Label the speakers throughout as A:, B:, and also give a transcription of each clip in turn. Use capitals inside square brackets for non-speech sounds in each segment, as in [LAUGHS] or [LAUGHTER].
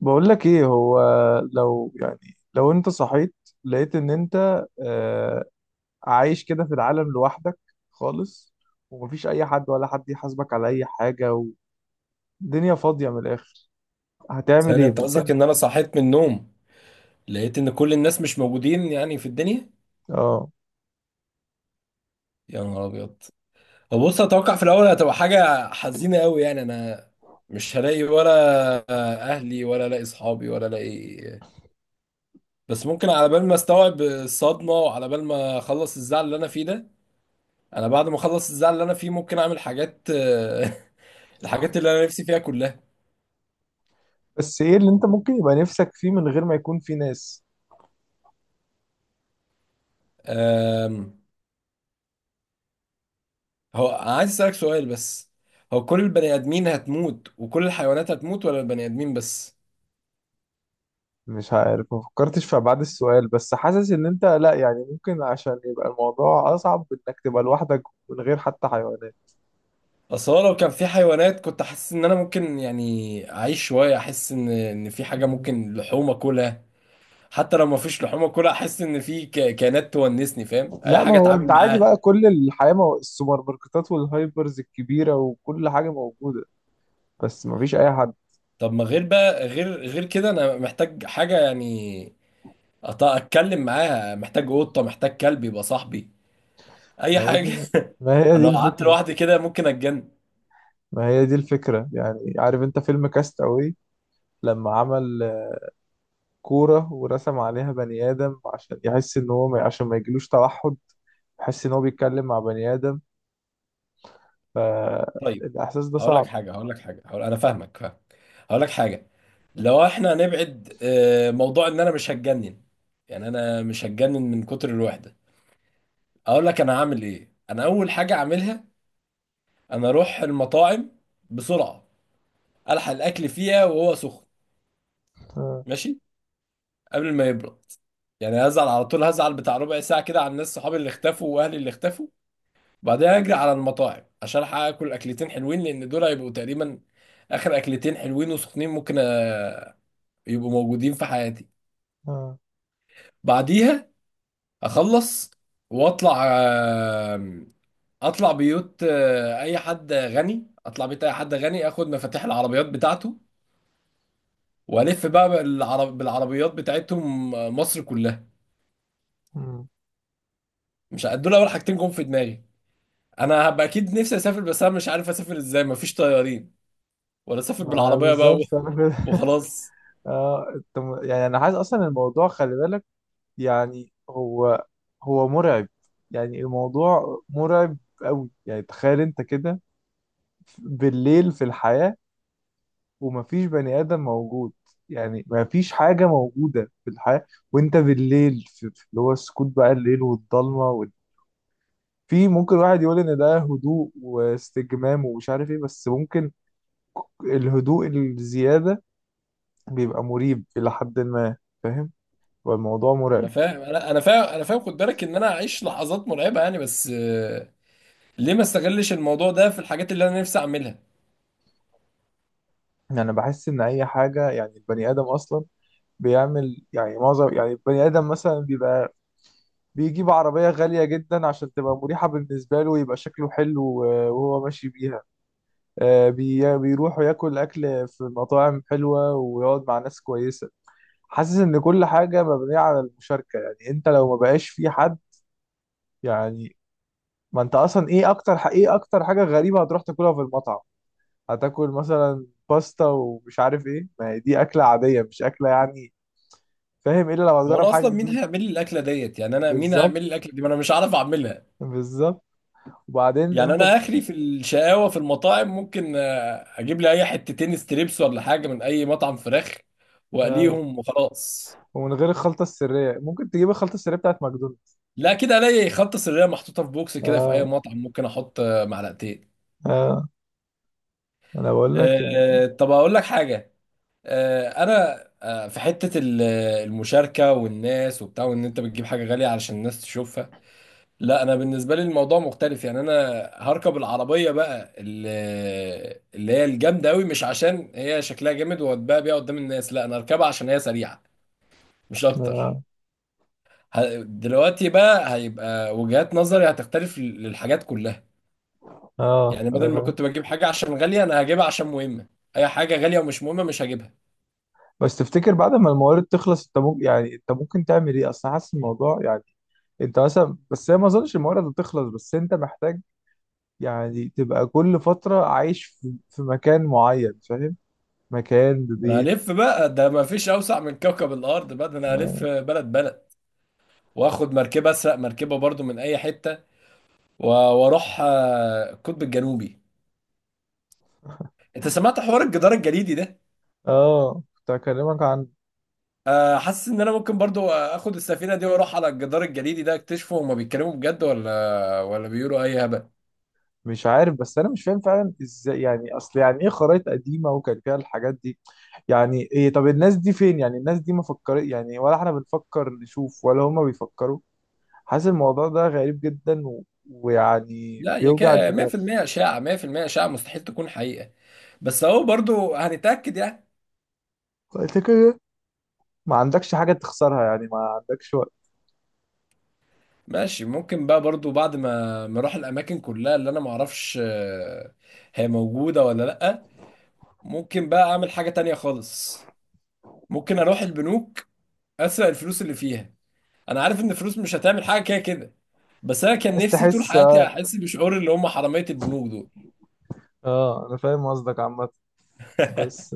A: بقول لك ايه هو. لو يعني لو انت صحيت لقيت ان انت آه، عايش كده في العالم لوحدك خالص، ومفيش اي حد ولا حد يحاسبك على اي حاجة والدنيا فاضية من الاخر، هتعمل
B: ثانية
A: ايه
B: انت قصدك
A: ممكن؟
B: ان انا صحيت من النوم لقيت ان كل الناس مش موجودين يعني في الدنيا؟
A: اه
B: يا نهار ابيض. هو بص اتوقع في الاول هتبقى حاجة حزينة قوي، يعني انا مش هلاقي ولا اهلي ولا الاقي اصحابي ولا الاقي، بس ممكن على بال ما استوعب الصدمة وعلى بال ما اخلص الزعل اللي انا فيه ده، انا بعد ما اخلص الزعل اللي انا فيه ممكن اعمل حاجات [LAUGHS] الحاجات اللي انا نفسي فيها كلها.
A: بس ايه اللي انت ممكن يبقى نفسك فيه من غير ما يكون فيه ناس؟
B: أم، هو أنا عايز اسالك سؤال بس، هو كل البني ادمين هتموت وكل الحيوانات هتموت ولا البني ادمين بس؟
A: مش عارف، ما فكرتش في ابعاد السؤال، بس حاسس ان انت لا يعني ممكن عشان يبقى الموضوع اصعب انك تبقى لوحدك من غير حتى حيوانات.
B: اصل هو لو كان في حيوانات كنت احس ان انا ممكن يعني اعيش شويه، احس ان في حاجه ممكن لحوم اكلها. حتى لو ما فيش لحوم اكلها احس ان في كائنات تونسني، فاهم، اي
A: لا، ما
B: حاجه
A: هو انت
B: اتعامل
A: عادي
B: معاها.
A: بقى، كل الحياة السوبر ماركتات والهايبرز الكبيرة وكل حاجة موجودة، بس ما فيش اي حد.
B: طب ما غير بقى غير كده انا محتاج حاجه يعني اتكلم معاها، محتاج قطه، محتاج كلب يبقى صاحبي،
A: ما
B: اي
A: هي
B: حاجه.
A: دي،
B: [LAUGHS]
A: ما هي
B: انا
A: دي
B: لو قعدت
A: الفكرة.
B: لوحدي كده ممكن اتجنن.
A: ما هي دي الفكرة يعني. عارف انت فيلم كاست اواي لما عمل كورة ورسم عليها بني آدم عشان يحس ان هو ما... عشان ما يجيلوش توحد، يحس ان هو بيتكلم مع بني آدم؟
B: طيب،
A: فالاحساس ده
B: هقول لك
A: صعب.
B: حاجه هقول لك حاجه هقول... انا فاهمك، فاهم. هقول لك حاجه، لو احنا هنبعد موضوع ان انا مش هتجنن، يعني انا مش هتجنن من كتر الوحده، اقول لك انا هعمل ايه. انا اول حاجه اعملها انا اروح المطاعم بسرعه، الحق الاكل فيها وهو سخن،
A: اه.
B: ماشي، قبل ما يبرد. يعني هزعل على طول، هزعل بتاع 1/4 ساعه كده على الناس، صحابي اللي اختفوا واهلي اللي اختفوا، بعدين اجري على المطاعم عشان الحق اكل اكلتين حلوين، لان دول هيبقوا تقريبا اخر اكلتين حلوين وسخنين ممكن يبقوا موجودين في حياتي.
A: اه.
B: بعديها اخلص واطلع اطلع بيوت اي حد غني، اطلع بيت اي حد غني، اخد مفاتيح العربيات بتاعته والف بقى بالعربيات بتاعتهم مصر كلها.
A: مم.
B: مش ه- دول اول حاجتين جم في دماغي. انا هبقى اكيد نفسي اسافر، بس انا مش عارف اسافر ازاي، مفيش طيارين، ولا اسافر
A: ما
B: بالعربيه بقى
A: بالظبط انا
B: [LAUGHS]
A: كده.
B: وخلاص.
A: اه. يعني انا عايز اصلا الموضوع خلي بالك، يعني هو، هو مرعب. يعني الموضوع مرعب قوي. يعني تخيل انت كده بالليل في الحياة ومفيش بني آدم موجود، يعني مفيش حاجة موجودة في الحياة، وانت بالليل في اللي هو السكوت بقى، الليل والضلمة في ممكن واحد يقول ان ده هدوء واستجمام ومش عارف ايه، بس ممكن الهدوء الزيادة بيبقى مريب إلى حد ما، فاهم؟ والموضوع
B: انا
A: مرعب.
B: فاهم، انا فاهم، انا فاهم، خد بالك ان انا اعيش لحظات مرعبه يعني، بس ليه ما استغلش الموضوع ده في الحاجات اللي انا نفسي اعملها؟
A: يعني انا بحس ان اي حاجه، يعني البني ادم اصلا بيعمل، يعني معظم يعني البني ادم مثلا بيبقى بيجيب عربيه غاليه جدا عشان تبقى مريحه بالنسبه له ويبقى شكله حلو وهو ماشي بيها، بيروح ياكل اكل في مطاعم حلوه ويقعد مع ناس كويسه. حاسس ان كل حاجه مبنيه على المشاركه، يعني انت لو ما بقاش في حد يعني، ما انت اصلا ايه اكتر ايه اكتر حاجه غريبه هتروح تاكلها في المطعم؟ هتاكل مثلا باستا ومش عارف ايه، ما هي دي اكله عاديه مش اكله يعني، فاهم؟ الا لو
B: هو
A: هتجرب
B: انا
A: حاجه
B: اصلا مين
A: جديده.
B: هيعمل لي الاكله ديت؟ يعني انا مين
A: بالظبط،
B: هيعمل لي الاكله دي؟ ما انا مش عارف اعملها.
A: بالظبط. وبعدين
B: يعني
A: انت
B: انا اخري في الشقاوه في المطاعم ممكن اجيب لي اي حتتين ستريبس ولا حاجه من اي مطعم فراخ
A: آه.
B: واقليهم وخلاص.
A: ومن غير الخلطه السريه، ممكن تجيب الخلطه السريه بتاعت ماكدونالدز.
B: لا كده الاقي خلطه سريه محطوطه في بوكس كده في اي
A: اه.
B: مطعم، ممكن احط معلقتين.
A: اه. انا بقول لك يعني.
B: طب اقول لك حاجه، انا في حته المشاركه والناس وبتاع، وان انت بتجيب حاجه غاليه علشان الناس تشوفها، لا انا بالنسبه لي الموضوع مختلف. يعني انا هركب العربيه بقى اللي هي الجامده قوي، مش عشان هي شكلها جامد واتباع بيها قدام الناس، لا انا هركبها عشان هي سريعه، مش اكتر.
A: اه.
B: دلوقتي بقى هيبقى وجهات نظري هتختلف للحاجات كلها.
A: اه
B: يعني
A: انا
B: بدل ما
A: فاهم.
B: كنت بجيب حاجه عشان غاليه، انا هجيبها عشان مهمه، اي حاجه غاليه ومش مهمه مش هجيبها.
A: بس تفتكر بعد ما الموارد تخلص انت ممكن، يعني انت ممكن تعمل ايه؟ اصل حاسس الموضوع يعني، انت مثلا، بس هي ما اظنش الموارد هتخلص، بس انت محتاج يعني تبقى كل فتره عايش في مكان معين، فاهم؟ مكان
B: انا
A: ببيت.
B: هلف بقى، ده ما فيش اوسع من كوكب الارض، بقى ده انا هلف
A: اه.
B: بلد بلد، واخد مركبه، اسرق مركبه برضو من اي حته واروح القطب الجنوبي. انت سمعت حوار الجدار الجليدي ده؟
A: كنت هكلمك عن.
B: حاسس ان انا ممكن برضو اخد السفينه دي واروح على الجدار الجليدي ده اكتشفه، هما بيتكلموا بجد ولا بيقولوا اي هبل؟
A: مش عارف، بس انا مش فاهم فعلا ازاي يعني، اصل يعني ايه خرايط قديمه وكان فيها الحاجات دي؟ يعني ايه؟ طب الناس دي فين؟ يعني الناس دي ما فكر، يعني ولا احنا بنفكر نشوف ولا هما بيفكروا؟ حاسس الموضوع ده غريب جدا ويعني
B: لا يا
A: بيوجع
B: كا،
A: الدماغ.
B: 100% اشاعه، 100% اشاعه، مستحيل تكون حقيقه، بس اهو برضو هنتاكد يعني.
A: فانت كده ما عندكش حاجه تخسرها، يعني ما عندكش وقت.
B: ماشي، ممكن بقى برضو بعد ما اروح الاماكن كلها اللي انا ما اعرفش هي موجوده ولا لا، ممكن بقى اعمل حاجه تانية خالص، ممكن اروح البنوك اسرق الفلوس اللي فيها. انا عارف ان الفلوس مش هتعمل حاجه كده كده، بس انا كان
A: عايز
B: نفسي طول
A: تحس،
B: حياتي
A: اه.
B: احس بشعور اللي هم حراميه البنوك دول.
A: انا فاهم قصدك عامه.
B: [LAUGHS]
A: بس،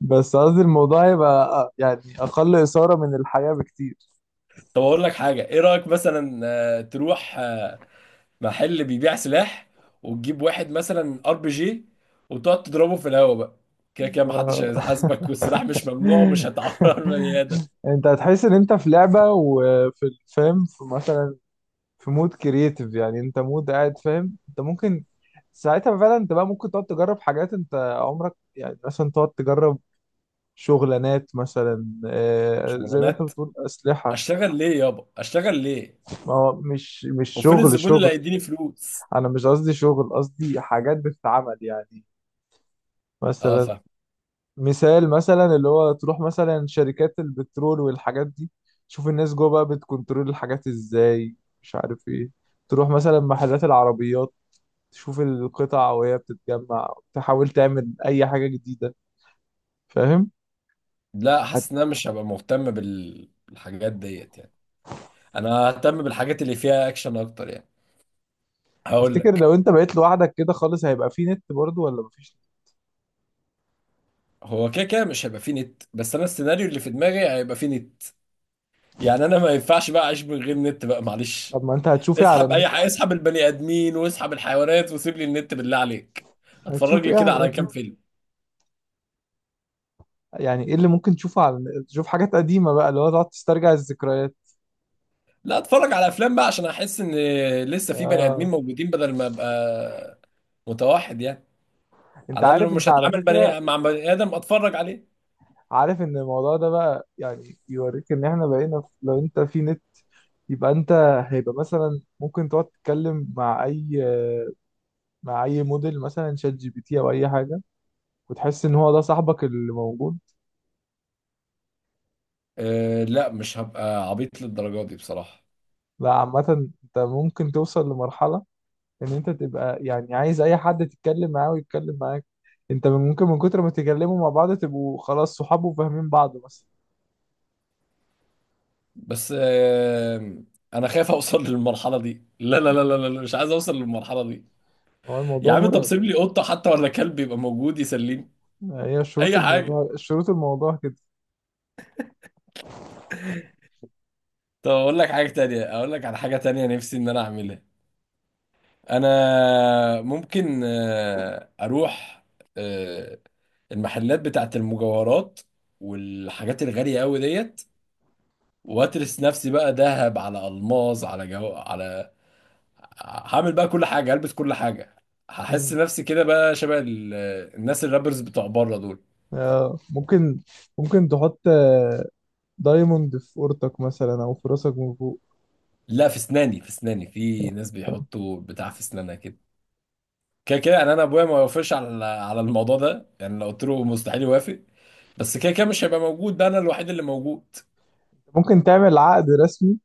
A: بس قصدي الموضوع يبقى يعني اقل اثاره من الحياه بكتير.
B: طب اقول لك حاجه، ايه رايك مثلا تروح محل بيبيع سلاح وتجيب واحد مثلا ار بي جي وتقعد تضربه في الهوا بقى؟ كده كده محدش
A: آه،
B: هيحاسبك، والسلاح مش ممنوع ومش هتعور [LAUGHS] بني ادم.
A: انت هتحس ان انت في لعبة، وفي الفيلم في مثلا في مود كرييتيف، يعني انت مود قاعد، فاهم؟ انت ممكن ساعتها فعلا، انت بقى ممكن تقعد تجرب حاجات انت عمرك، يعني مثلا تقعد تجرب شغلانات مثلا، زي ما انت
B: شغلانات،
A: بتقول اسلحة.
B: اشتغل ليه يابا، اشتغل ليه؟
A: ما هو مش
B: وفين
A: شغل
B: الزبون اللي
A: شغل،
B: هيديني فلوس؟
A: انا مش قصدي شغل، قصدي حاجات بتتعمل يعني.
B: اه
A: مثلا
B: فاهم.
A: مثال، مثلا اللي هو تروح مثلا شركات البترول والحاجات دي، تشوف الناس جوه بقى بتكنترول الحاجات ازاي، مش عارف ايه. تروح مثلا محلات العربيات، تشوف القطع وهي بتتجمع، تحاول تعمل اي حاجة جديدة، فاهم؟
B: لا حاسس ان انا مش هبقى مهتم بالحاجات ديت يعني، انا اهتم بالحاجات اللي فيها اكشن اكتر يعني. هقول
A: هتفتكر
B: لك،
A: لو انت بقيت لوحدك كده خالص هيبقى في نت برضو ولا مفيش؟
B: هو كده كده مش هيبقى فيه نت، بس انا السيناريو اللي في دماغي هيبقى فيه نت، يعني انا ما ينفعش بقى اعيش من غير نت بقى، معلش.
A: طب ما انت هتشوف ايه على
B: اسحب اي
A: النت؟
B: حاجه، اسحب البني ادمين واسحب الحيوانات وسيب لي النت بالله عليك، اتفرج
A: هتشوف
B: لي
A: ايه
B: كده
A: على
B: على كام
A: النت؟
B: فيلم.
A: يعني ايه اللي ممكن تشوفه على النت؟ تشوف حاجات قديمة بقى اللي هو تقعد تسترجع الذكريات؟
B: لا اتفرج على افلام بقى عشان احس ان لسه في بني ادمين
A: اه.
B: موجودين بدل ما ابقى متوحد يعني،
A: انت
B: على الاقل لو
A: عارف انت
B: مش
A: على
B: هتعامل
A: فكرة،
B: بني مع بني ادم اتفرج عليه.
A: عارف ان الموضوع ده بقى يعني يوريك ان احنا بقينا لو انت في نت، يبقى انت هيبقى مثلا ممكن تقعد تتكلم مع اي، مع اي موديل مثلا شات جي بي تي او اي حاجه، وتحس ان هو ده صاحبك اللي موجود.
B: أه لا مش هبقى عبيط للدرجه دي بصراحه.
A: لا عامه انت ممكن توصل لمرحله ان انت تبقى يعني عايز اي حد تتكلم معاه ويتكلم معاك. ممكن من كتر ما تتكلموا مع بعض تبقوا خلاص صحاب وفاهمين بعض مثلا.
B: بس انا خايف اوصل للمرحله دي، لا لا لا
A: مم.
B: لا لا، مش عايز اوصل للمرحله دي.
A: هو
B: يا
A: الموضوع
B: عم طب
A: مرعب.
B: سيب لي قطه حتى ولا كلب يبقى موجود يسليني،
A: هي شروط
B: اي حاجه.
A: الموضوع، شروط الموضوع.
B: طب اقول لك حاجه تانية، اقول لك على حاجه تانية نفسي ان انا اعملها، انا ممكن اروح آه، المحلات بتاعت المجوهرات والحاجات الغاليه قوي ديت، واترس نفسي بقى ذهب على الماظ على، هعمل بقى كل حاجه، هلبس كل حاجه، هحس
A: كده،
B: نفسي كده بقى شبه الناس الرابرز بتوع بره دول.
A: ممكن، ممكن تحط دايموند في أوضتك مثلا أو في راسك من فوق.
B: لا في اسناني، في اسناني، في ناس بيحطوا بتاع في اسنانها كده. كده كده يعني انا ابويا ما يوافقش على على الموضوع ده، يعني لو قلت له مستحيل يوافق، بس كده كده مش هيبقى موجود، ده انا الوحيد اللي موجود.
A: ممكن تعمل عقد رسمي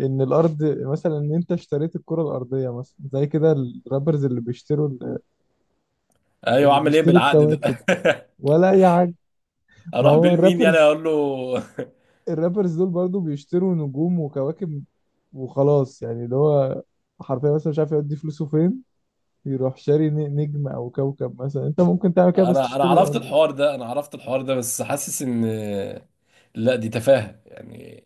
A: إن الأرض، مثلا إن أنت اشتريت الكرة الأرضية مثلا زي كده الرابرز اللي بيشتروا
B: ايوه،
A: اللي
B: اعمل ايه
A: بيشتروا
B: بالعقد
A: الكواكب
B: ده؟
A: ولا أي حاجة.
B: [LAUGHS]
A: ما
B: اروح بيه
A: هو
B: لمين يعني،
A: الرابرز،
B: اقول له؟
A: الرابرز دول برضو بيشتروا نجوم وكواكب وخلاص، يعني اللي هو حرفيا مثلا مش عارف يودي فلوسه فين، يروح شاري نجم أو كوكب مثلا. أنت ممكن تعمل
B: [LAUGHS]
A: كده بس
B: انا
A: تشتري
B: عرفت
A: الأرض.
B: الحوار ده، انا عرفت الحوار ده، بس حاسس ان لا دي تفاهة يعني.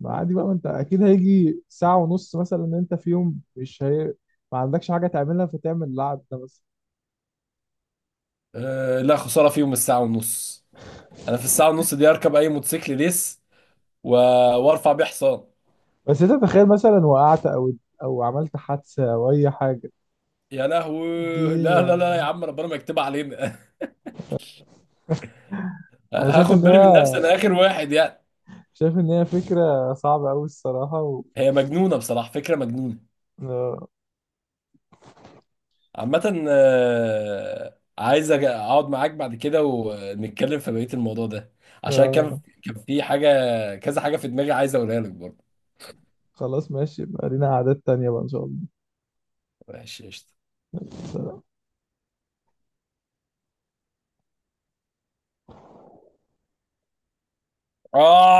A: ما عادي بقى، ما انت اكيد هيجي ساعة ونص مثلا ان انت في يوم مش هي... ما عندكش حاجة تعملها فتعمل القعد ده بس.
B: لا خسارة فيهم الساعة ونص، انا في الساعه ونص دي اركب اي موتوسيكل ريس و... وارفع بيه حصان.
A: بس انت تخيل مثلا وقعت او او عملت حادثة او اي حاجة،
B: يا لهوي
A: دي
B: لا لا لا، يا
A: يعني.
B: عم ربنا ما يكتبها علينا. [LAUGHS]
A: انا شايف
B: هاخد
A: ان
B: بالي
A: هي،
B: من نفسي انا، اخر واحد يعني.
A: شايف ان هي فكرة صعبة قوي الصراحة
B: هي مجنونه بصراحه، فكره مجنونه.
A: آه...
B: عامه عايز اقعد معاك بعد كده ونتكلم في بقيه الموضوع ده، عشان كان،
A: آه...
B: كان في حاجه، كذا حاجه في دماغي عايز اقولها لك برضه.
A: خلاص ماشي بقى، لينا قعدات تانية بقى ان شاء الله.
B: ماشي قشطه.
A: سلام.
B: آه